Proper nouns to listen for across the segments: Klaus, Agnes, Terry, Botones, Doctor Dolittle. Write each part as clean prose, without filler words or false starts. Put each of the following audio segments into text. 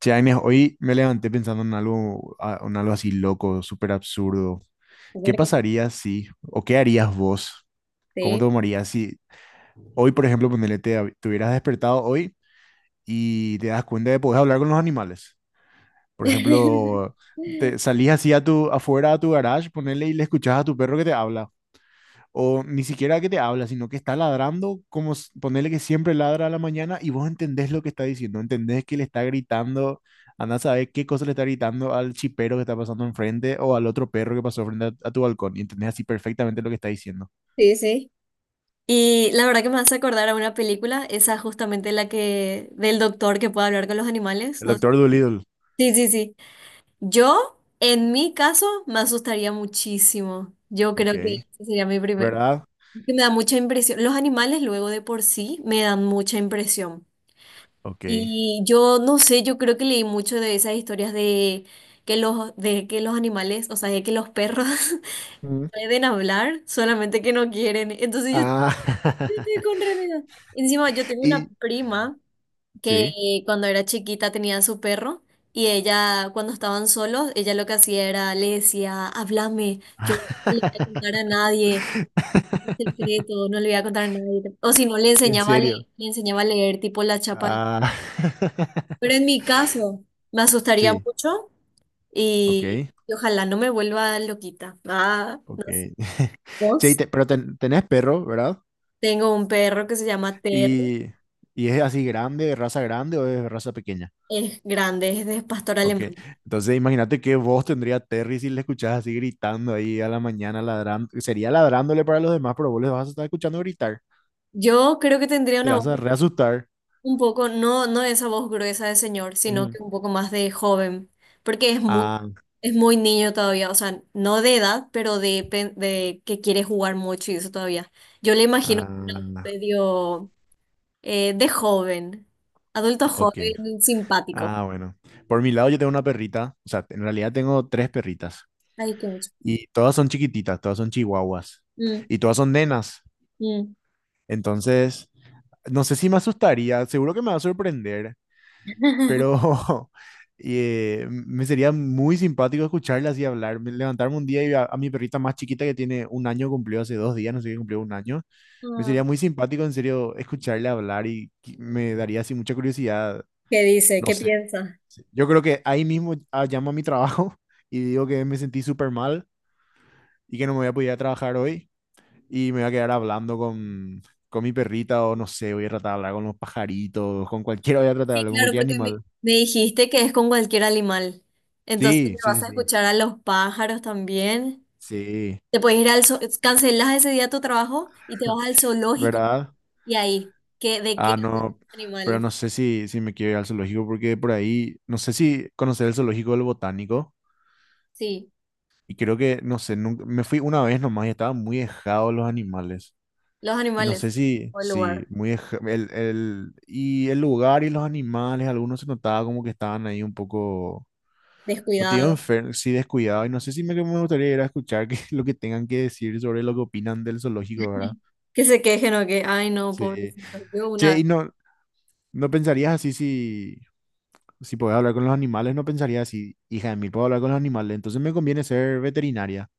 Che, Agnes, hoy me levanté pensando en algo, en algo así loco, súper absurdo. ¿Qué Comer con pasaría si, o qué harías vos? ¿Cómo té. te tomarías si hoy, por ejemplo, ponele, te hubieras despertado hoy y te das cuenta de que podés hablar con los animales? Por ejemplo, te salís así a afuera a tu garage, ponele y le escuchás a tu perro que te habla. O ni siquiera que te habla, sino que está ladrando, como ponerle que siempre ladra a la mañana y vos entendés lo que está diciendo, entendés que le está gritando, andá a saber qué cosa le está gritando al chipero que está pasando enfrente o al otro perro que pasó a tu balcón y entendés así perfectamente lo que está diciendo. Sí, sí. Y la verdad que me hace acordar a una película, esa justamente la que del doctor que puede hablar con los animales, El ¿no? doctor Dolittle. Sí, sí, sí. Yo, en mi caso, me asustaría muchísimo. Yo creo que Ok. ese sería mi primer... ¿Verdad? Que me da mucha impresión. Los animales luego de por sí me dan mucha impresión. Ok. Y yo no sé, yo creo que leí mucho de esas historias de que los animales, o sea, de que los perros Mm. pueden hablar, solamente que no quieren. Entonces yo Ah, yo estoy con realidad. Encima yo tengo una y prima que sí, cuando era chiquita tenía su perro y ella cuando estaban solos, ella lo que hacía era le decía, háblame, yo no le voy a contar a nadie un secreto, no le voy a contar a nadie. O si no le en enseñaba a serio. le, le enseñaba a leer tipo la chapa. Ah, Pero en mi caso me asustaría sí, mucho ok. y ojalá no me vuelva loquita. Ah, Ok. no sé. Che, y ¿Vos? Pero tenés perro, ¿verdad? Tengo un perro que se llama Terry, Y, y es así grande, raza grande o es raza pequeña. es grande, es de pastor Ok. alemán. Entonces imagínate qué voz tendría Terry si le escuchás así gritando ahí a la mañana, ladrando. Sería ladrándole para los demás, pero vos le vas a estar escuchando gritar. Yo creo que tendría Te una vas voz a reasustar. un poco, no, no esa voz gruesa de señor, sino Mm. que un poco más de joven, porque Ah, es muy niño todavía, o sea, no de edad, pero de, de que quiere jugar mucho y eso todavía. Yo le imagino una voz ah, medio de joven, adulto ok. joven, simpático. Ah, bueno. Por mi lado yo tengo una perrita. O sea, en realidad tengo tres perritas. Ay, qué mucho. Y todas son chiquititas, todas son chihuahuas. Mm, Y todas son nenas. mm. Entonces no sé si me asustaría, seguro que me va a sorprender, pero me sería muy simpático escucharla así hablar, levantarme un día y a mi perrita más chiquita que tiene un año, cumplió hace 2 días, no sé qué cumplió un año, me sería Ah, muy simpático en serio escucharla hablar y me daría así mucha curiosidad, ¿qué dice? no ¿Qué sé, piensa? yo creo que ahí mismo llamo a mi trabajo y digo que me sentí súper mal y que no me voy a poder ir a trabajar hoy y me voy a quedar hablando con mi perrita o no sé, voy a tratar de hablar con los pajaritos, con cualquiera, voy a tratar de Sí, hablar con claro, cualquier porque me, animal. me dijiste que es con cualquier animal. Entonces Sí, le sí, vas sí, a sí, escuchar a los pájaros también. sí, Te puedes ir al zoo, cancelas ese día tu trabajo y te vas al zoológico ¿verdad? y ahí, ¿que de qué Ah, hablan no, los pero animales? no sé si me quiero ir al zoológico porque por ahí, no sé si conocer el zoológico del botánico Sí, y creo que, no sé, nunca, me fui una vez nomás y estaban muy dejados los animales. los Y no sé animales si, o el si, lugar muy, deja- el, y el lugar y los animales, algunos se notaba como que estaban ahí un poco. No te digo descuidado, enfermo, sí descuidado. Y no sé si me, que me gustaría ir a escuchar lo que tengan que decir sobre lo que opinan del zoológico, ¿verdad? que se quejen o que, ay no, Sí. pobrecito, yo una Che, vez. y no, no pensarías así si podés hablar con los animales, no pensarías así, hija de mí, puedo hablar con los animales, entonces me conviene ser veterinaria.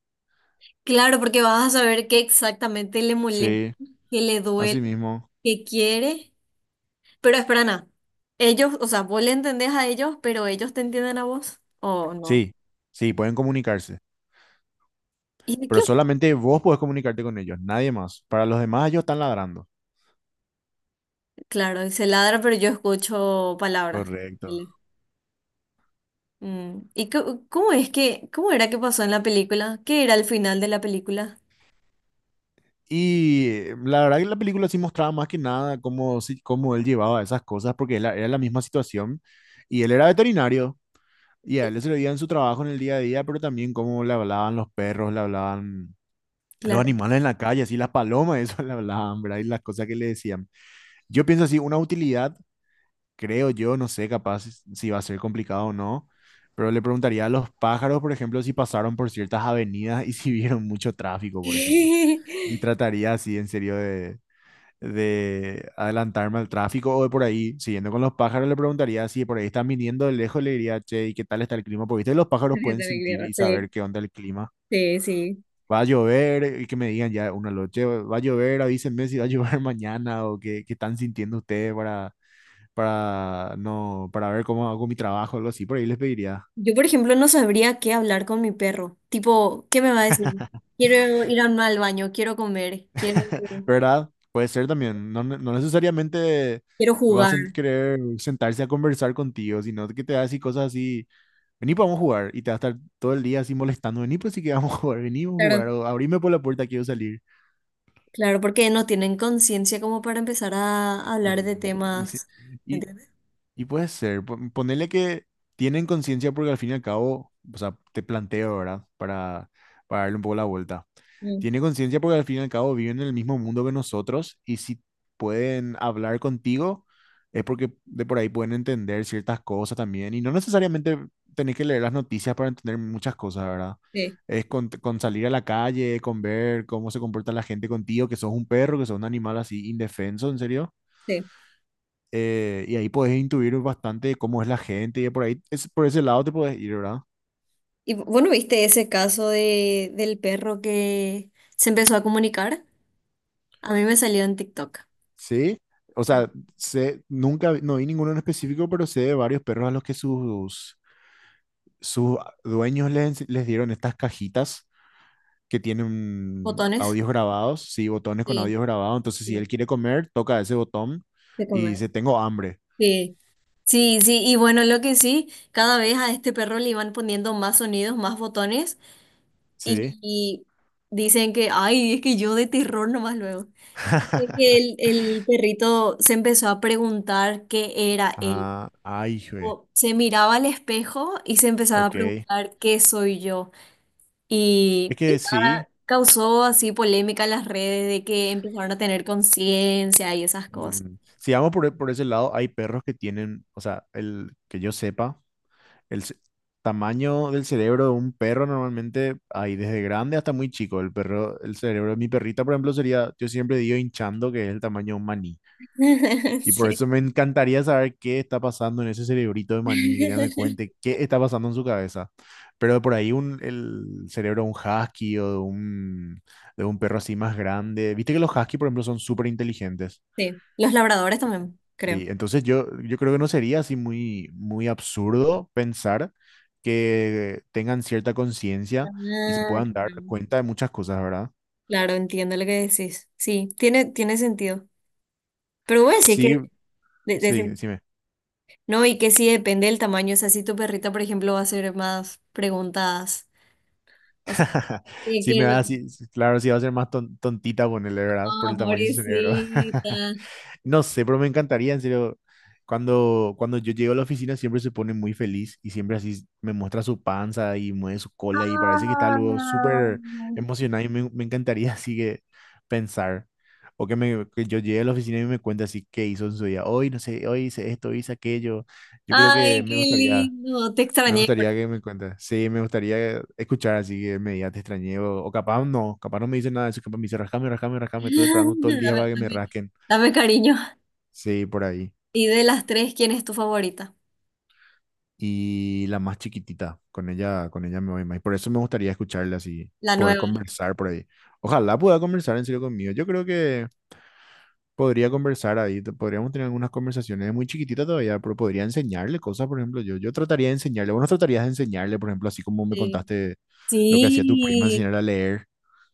Claro, porque vas a saber qué exactamente le molesta, Sí, qué le así duele, mismo. qué quiere. Pero espera, Ana, ellos, o sea, vos le entendés a ellos, pero ellos te entienden a vos, ¿o no? Sí, sí, pueden comunicarse, ¿Y de pero qué? solamente vos podés comunicarte con ellos, nadie más. Para los demás, ellos están ladrando. Claro, y se ladra, pero yo escucho palabras. Correcto. Dale. Mm, ¿y cómo es que, cómo era que pasó en la película? ¿Qué era el final de la película? Y la verdad que la película sí mostraba más que nada cómo, cómo él llevaba esas cosas, porque era la misma situación. Y él era veterinario, y a él se le veía en su trabajo en el día a día, pero también cómo le hablaban los perros, le hablaban los Claro. animales en la calle, así las palomas, eso le hablaban, ¿verdad? Y las cosas que le decían. Yo pienso así, una utilidad, creo yo, no sé capaz si va a ser complicado o no, pero le preguntaría a los pájaros, por ejemplo, si pasaron por ciertas avenidas y si vieron mucho tráfico, por ejemplo. Y trataría así, en serio, de adelantarme al tráfico o de por ahí, siguiendo con los pájaros, le preguntaría si por ahí están viniendo de lejos, le diría, che, ¿y qué tal está el clima? Porque viste, los pájaros Yo pueden también sentir creo, y sí, saber qué onda el clima. sí, sí. Va a llover, y que me digan ya una noche, va a llover, avísenme si va a llover mañana o qué, qué están sintiendo ustedes para, no, para ver cómo hago mi trabajo, algo así, por ahí les pediría. Yo, por ejemplo, no sabría qué hablar con mi perro. Tipo, ¿qué me va a decir? Quiero ir al baño, quiero comer, quiero, ¿Verdad? Puede ser también, no necesariamente quiero vas jugar. a querer sentarse a conversar contigo, sino que te va a decir cosas así. Vení, pues, vamos a jugar. Y te va a estar todo el día así molestando. Vení, pues sí que vamos a jugar. Vení, vamos a jugar. Claro. O abrime por la puerta, quiero salir. Claro, porque no tienen conciencia como para empezar a Y, hablar de y, se- temas, y ¿entiendes? Y puede ser, ponele que tienen conciencia porque al fin y al cabo, o sea, te planteo, ¿verdad? Para, darle un poco la vuelta. Mm, Tiene conciencia porque al fin y al cabo viven en el mismo mundo que nosotros y si pueden hablar contigo es porque de por ahí pueden entender ciertas cosas también y no necesariamente tenés que leer las noticias para entender muchas cosas, ¿verdad? sí, Es con salir a la calle, con ver cómo se comporta la gente contigo, que sos un perro, que sos un animal así indefenso, en serio sí. Y ahí podés intuir bastante cómo es la gente y por ahí, es, por ese lado te podés ir, ¿verdad? Y bueno, ¿viste ese caso de, del perro que se empezó a comunicar? A mí me salió en TikTok. Sí. O Sí. sea, sé, nunca, no vi ninguno en específico, pero sé de varios perros a los que sus dueños les dieron estas cajitas que tienen Botones. audios grabados, sí, botones con Sí, audios grabados. Entonces, si él sí, quiere comer, toca ese botón de y comer. dice, tengo hambre, Sí, sí, sí, y bueno, lo que sí, cada vez a este perro le iban poniendo más sonidos, más botones, y, ¿sí? y dicen que, ay, es que yo de terror nomás luego. Fue que el, el perrito se empezó a preguntar qué era él. Ah, ay, jue, O se miraba al espejo y se empezaba a ok. Es preguntar qué soy yo. Y que sí. nada, causó así polémica en las redes de que empezaron a tener conciencia y esas cosas. Mm, si vamos por, por ese lado, hay perros que tienen, o sea, el que yo sepa, el tamaño del cerebro de un perro normalmente hay desde grande hasta muy chico. El perro, el cerebro de mi perrita, por ejemplo, sería, yo siempre digo hinchando, que es el tamaño de un maní. Y por Sí. eso me encantaría saber qué está pasando en ese cerebrito de maní, que ella me cuente qué está pasando en su cabeza. Pero por ahí un, el cerebro de un husky o de un perro así más grande. Viste que los husky, por ejemplo, son súper inteligentes. Sí. Los labradores también, creo. Sí, entonces yo, creo que no sería así muy, muy absurdo pensar que tengan cierta conciencia y se Ah, puedan dar claro. cuenta de muchas cosas, ¿verdad? Claro, entiendo lo que decís. Sí, tiene, tiene sentido. Pero voy a decir que, Sí, de, sí, de- decime. no, y que sí depende del tamaño. O sea, si tu perrita, por ejemplo, va a hacer más preguntadas. O sea, Sí, que me lo... va a decir- claro, sí va a ser más tontita ponerle, ¿verdad? Por Oh, el tamaño de su cerebro. pobrecita. No sé, pero me encantaría, en serio. Cuando yo llego a la oficina siempre se pone muy feliz y siempre así me muestra su panza y mueve su cola y parece que está luego Ah, súper emocionado y me encantaría así que pensar. O que yo llegue a la oficina y me cuente así qué hizo en su día. Hoy, no sé, hoy hice esto, hoy hice aquello. Yo creo que ay, qué lindo. Te me extrañé. Pero... gustaría que me cuente. Sí, me gustaría escuchar así que me diga, te extrañé. O capaz no me dice nada de eso, capaz me dice, rascame, rascame, rascame. Estuve esperando todo el día Dame, para que me rasquen. dame cariño. Sí, por ahí. Y de las tres, ¿quién es tu favorita? Y la más chiquitita. Con ella me voy más. Por eso me gustaría escucharla así, La poder nueva. conversar por ahí. Ojalá pueda conversar en serio conmigo. Yo creo que podría conversar ahí, podríamos tener algunas conversaciones. Es muy chiquitita todavía, pero podría enseñarle cosas, por ejemplo, yo trataría de enseñarle, vos no tratarías de enseñarle, por ejemplo, así como me Sí. contaste lo que hacía tu prima, Sí. enseñarle a leer.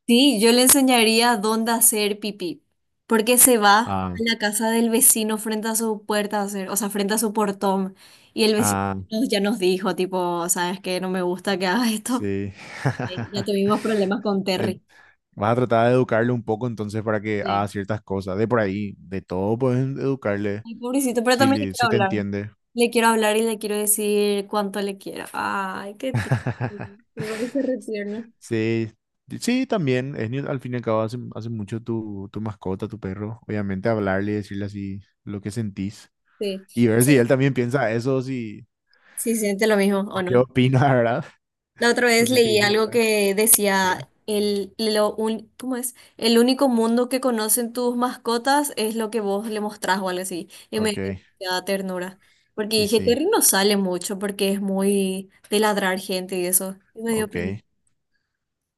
Sí, yo le enseñaría dónde hacer pipí, porque se va a Ah, la casa del vecino frente a su puerta a hacer, o sea, frente a su portón, y el vecino ah, ya nos dijo, tipo, sabes que no me gusta que hagas esto. sí. Ya tuvimos problemas con En- Terry. Vas a tratar de educarle un poco entonces para que haga Sí. ciertas cosas, de por ahí, de todo puedes educarle, Ay, pobrecito, pero si, también le quiero si te hablar. entiende. Le quiero hablar y le quiero decir cuánto le quiero. Ay, qué tierno. Me parece re tierno. Sí, sí, también. Es, ni- Al fin y al cabo, hace mucho tu mascota, tu perro. Obviamente, hablarle, decirle así lo que sentís Sí. y O ver sea, si él también piensa eso, si, sí, siente lo mismo, o ¿o qué no? opina, ¿verdad? La otra O vez si te leí dice, algo que decía sí, ¿cómo es? El único mundo que conocen tus mascotas es lo que vos le mostrás o algo así. Y me ok, dio demasiada ternura. Porque y dije, sí, Terry no sale mucho porque es muy de ladrar gente y eso. Y me dio ok, pena.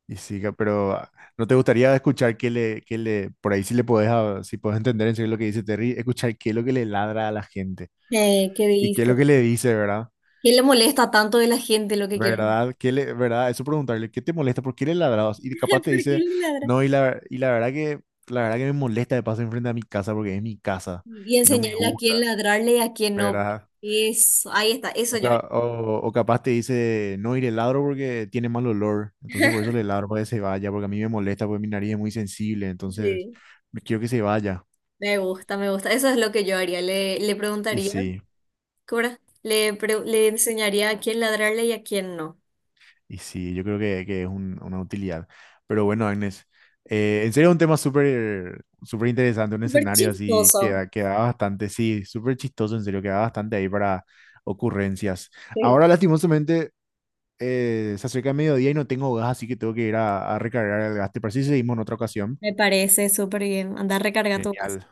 y sí, pero ¿no te gustaría escuchar que le, por ahí si le podés, ah, si podés entender en serio lo que dice Terry, escuchar qué es lo que le ladra a la gente ¿Qué y qué es lo dice? que le dice, ¿verdad? ¿Qué le molesta tanto de la gente lo que quiero? ¿Verdad? ¿Qué le, verdad? Eso preguntarle, ¿qué te molesta? ¿Por qué le ladrados? Y capaz te ¿Por qué dice, le ladra? no, y la verdad que me molesta de pasar enfrente a mi casa porque es mi casa Y y no me enseñarle a gusta, quién ladrarle y a quién no. ¿verdad? Eso, ahí está, eso O, yo ca- haría. o, o capaz te dice, no, y le ladro porque tiene mal olor, entonces por eso le ladro para que se vaya, porque a mí me molesta, porque mi nariz es muy sensible, entonces Sí. me quiero que se vaya. Me gusta, me gusta. Eso es lo que yo haría. Le Y preguntaría. sí. Cora, le, le enseñaría a quién ladrarle y a quién no. Y sí, yo creo que es una utilidad. Pero bueno, Agnes, en serio un tema súper súper interesante, un Súper escenario así chistoso. Que da bastante, sí, súper chistoso, en serio, queda bastante ahí para ocurrencias. Sí. Ahora, lastimosamente, se acerca el mediodía y no tengo gas, así que tengo que ir a recargar el gas. ¿Te parece si seguimos en otra ocasión? Me parece súper bien. Anda, recarga tu casa. Genial.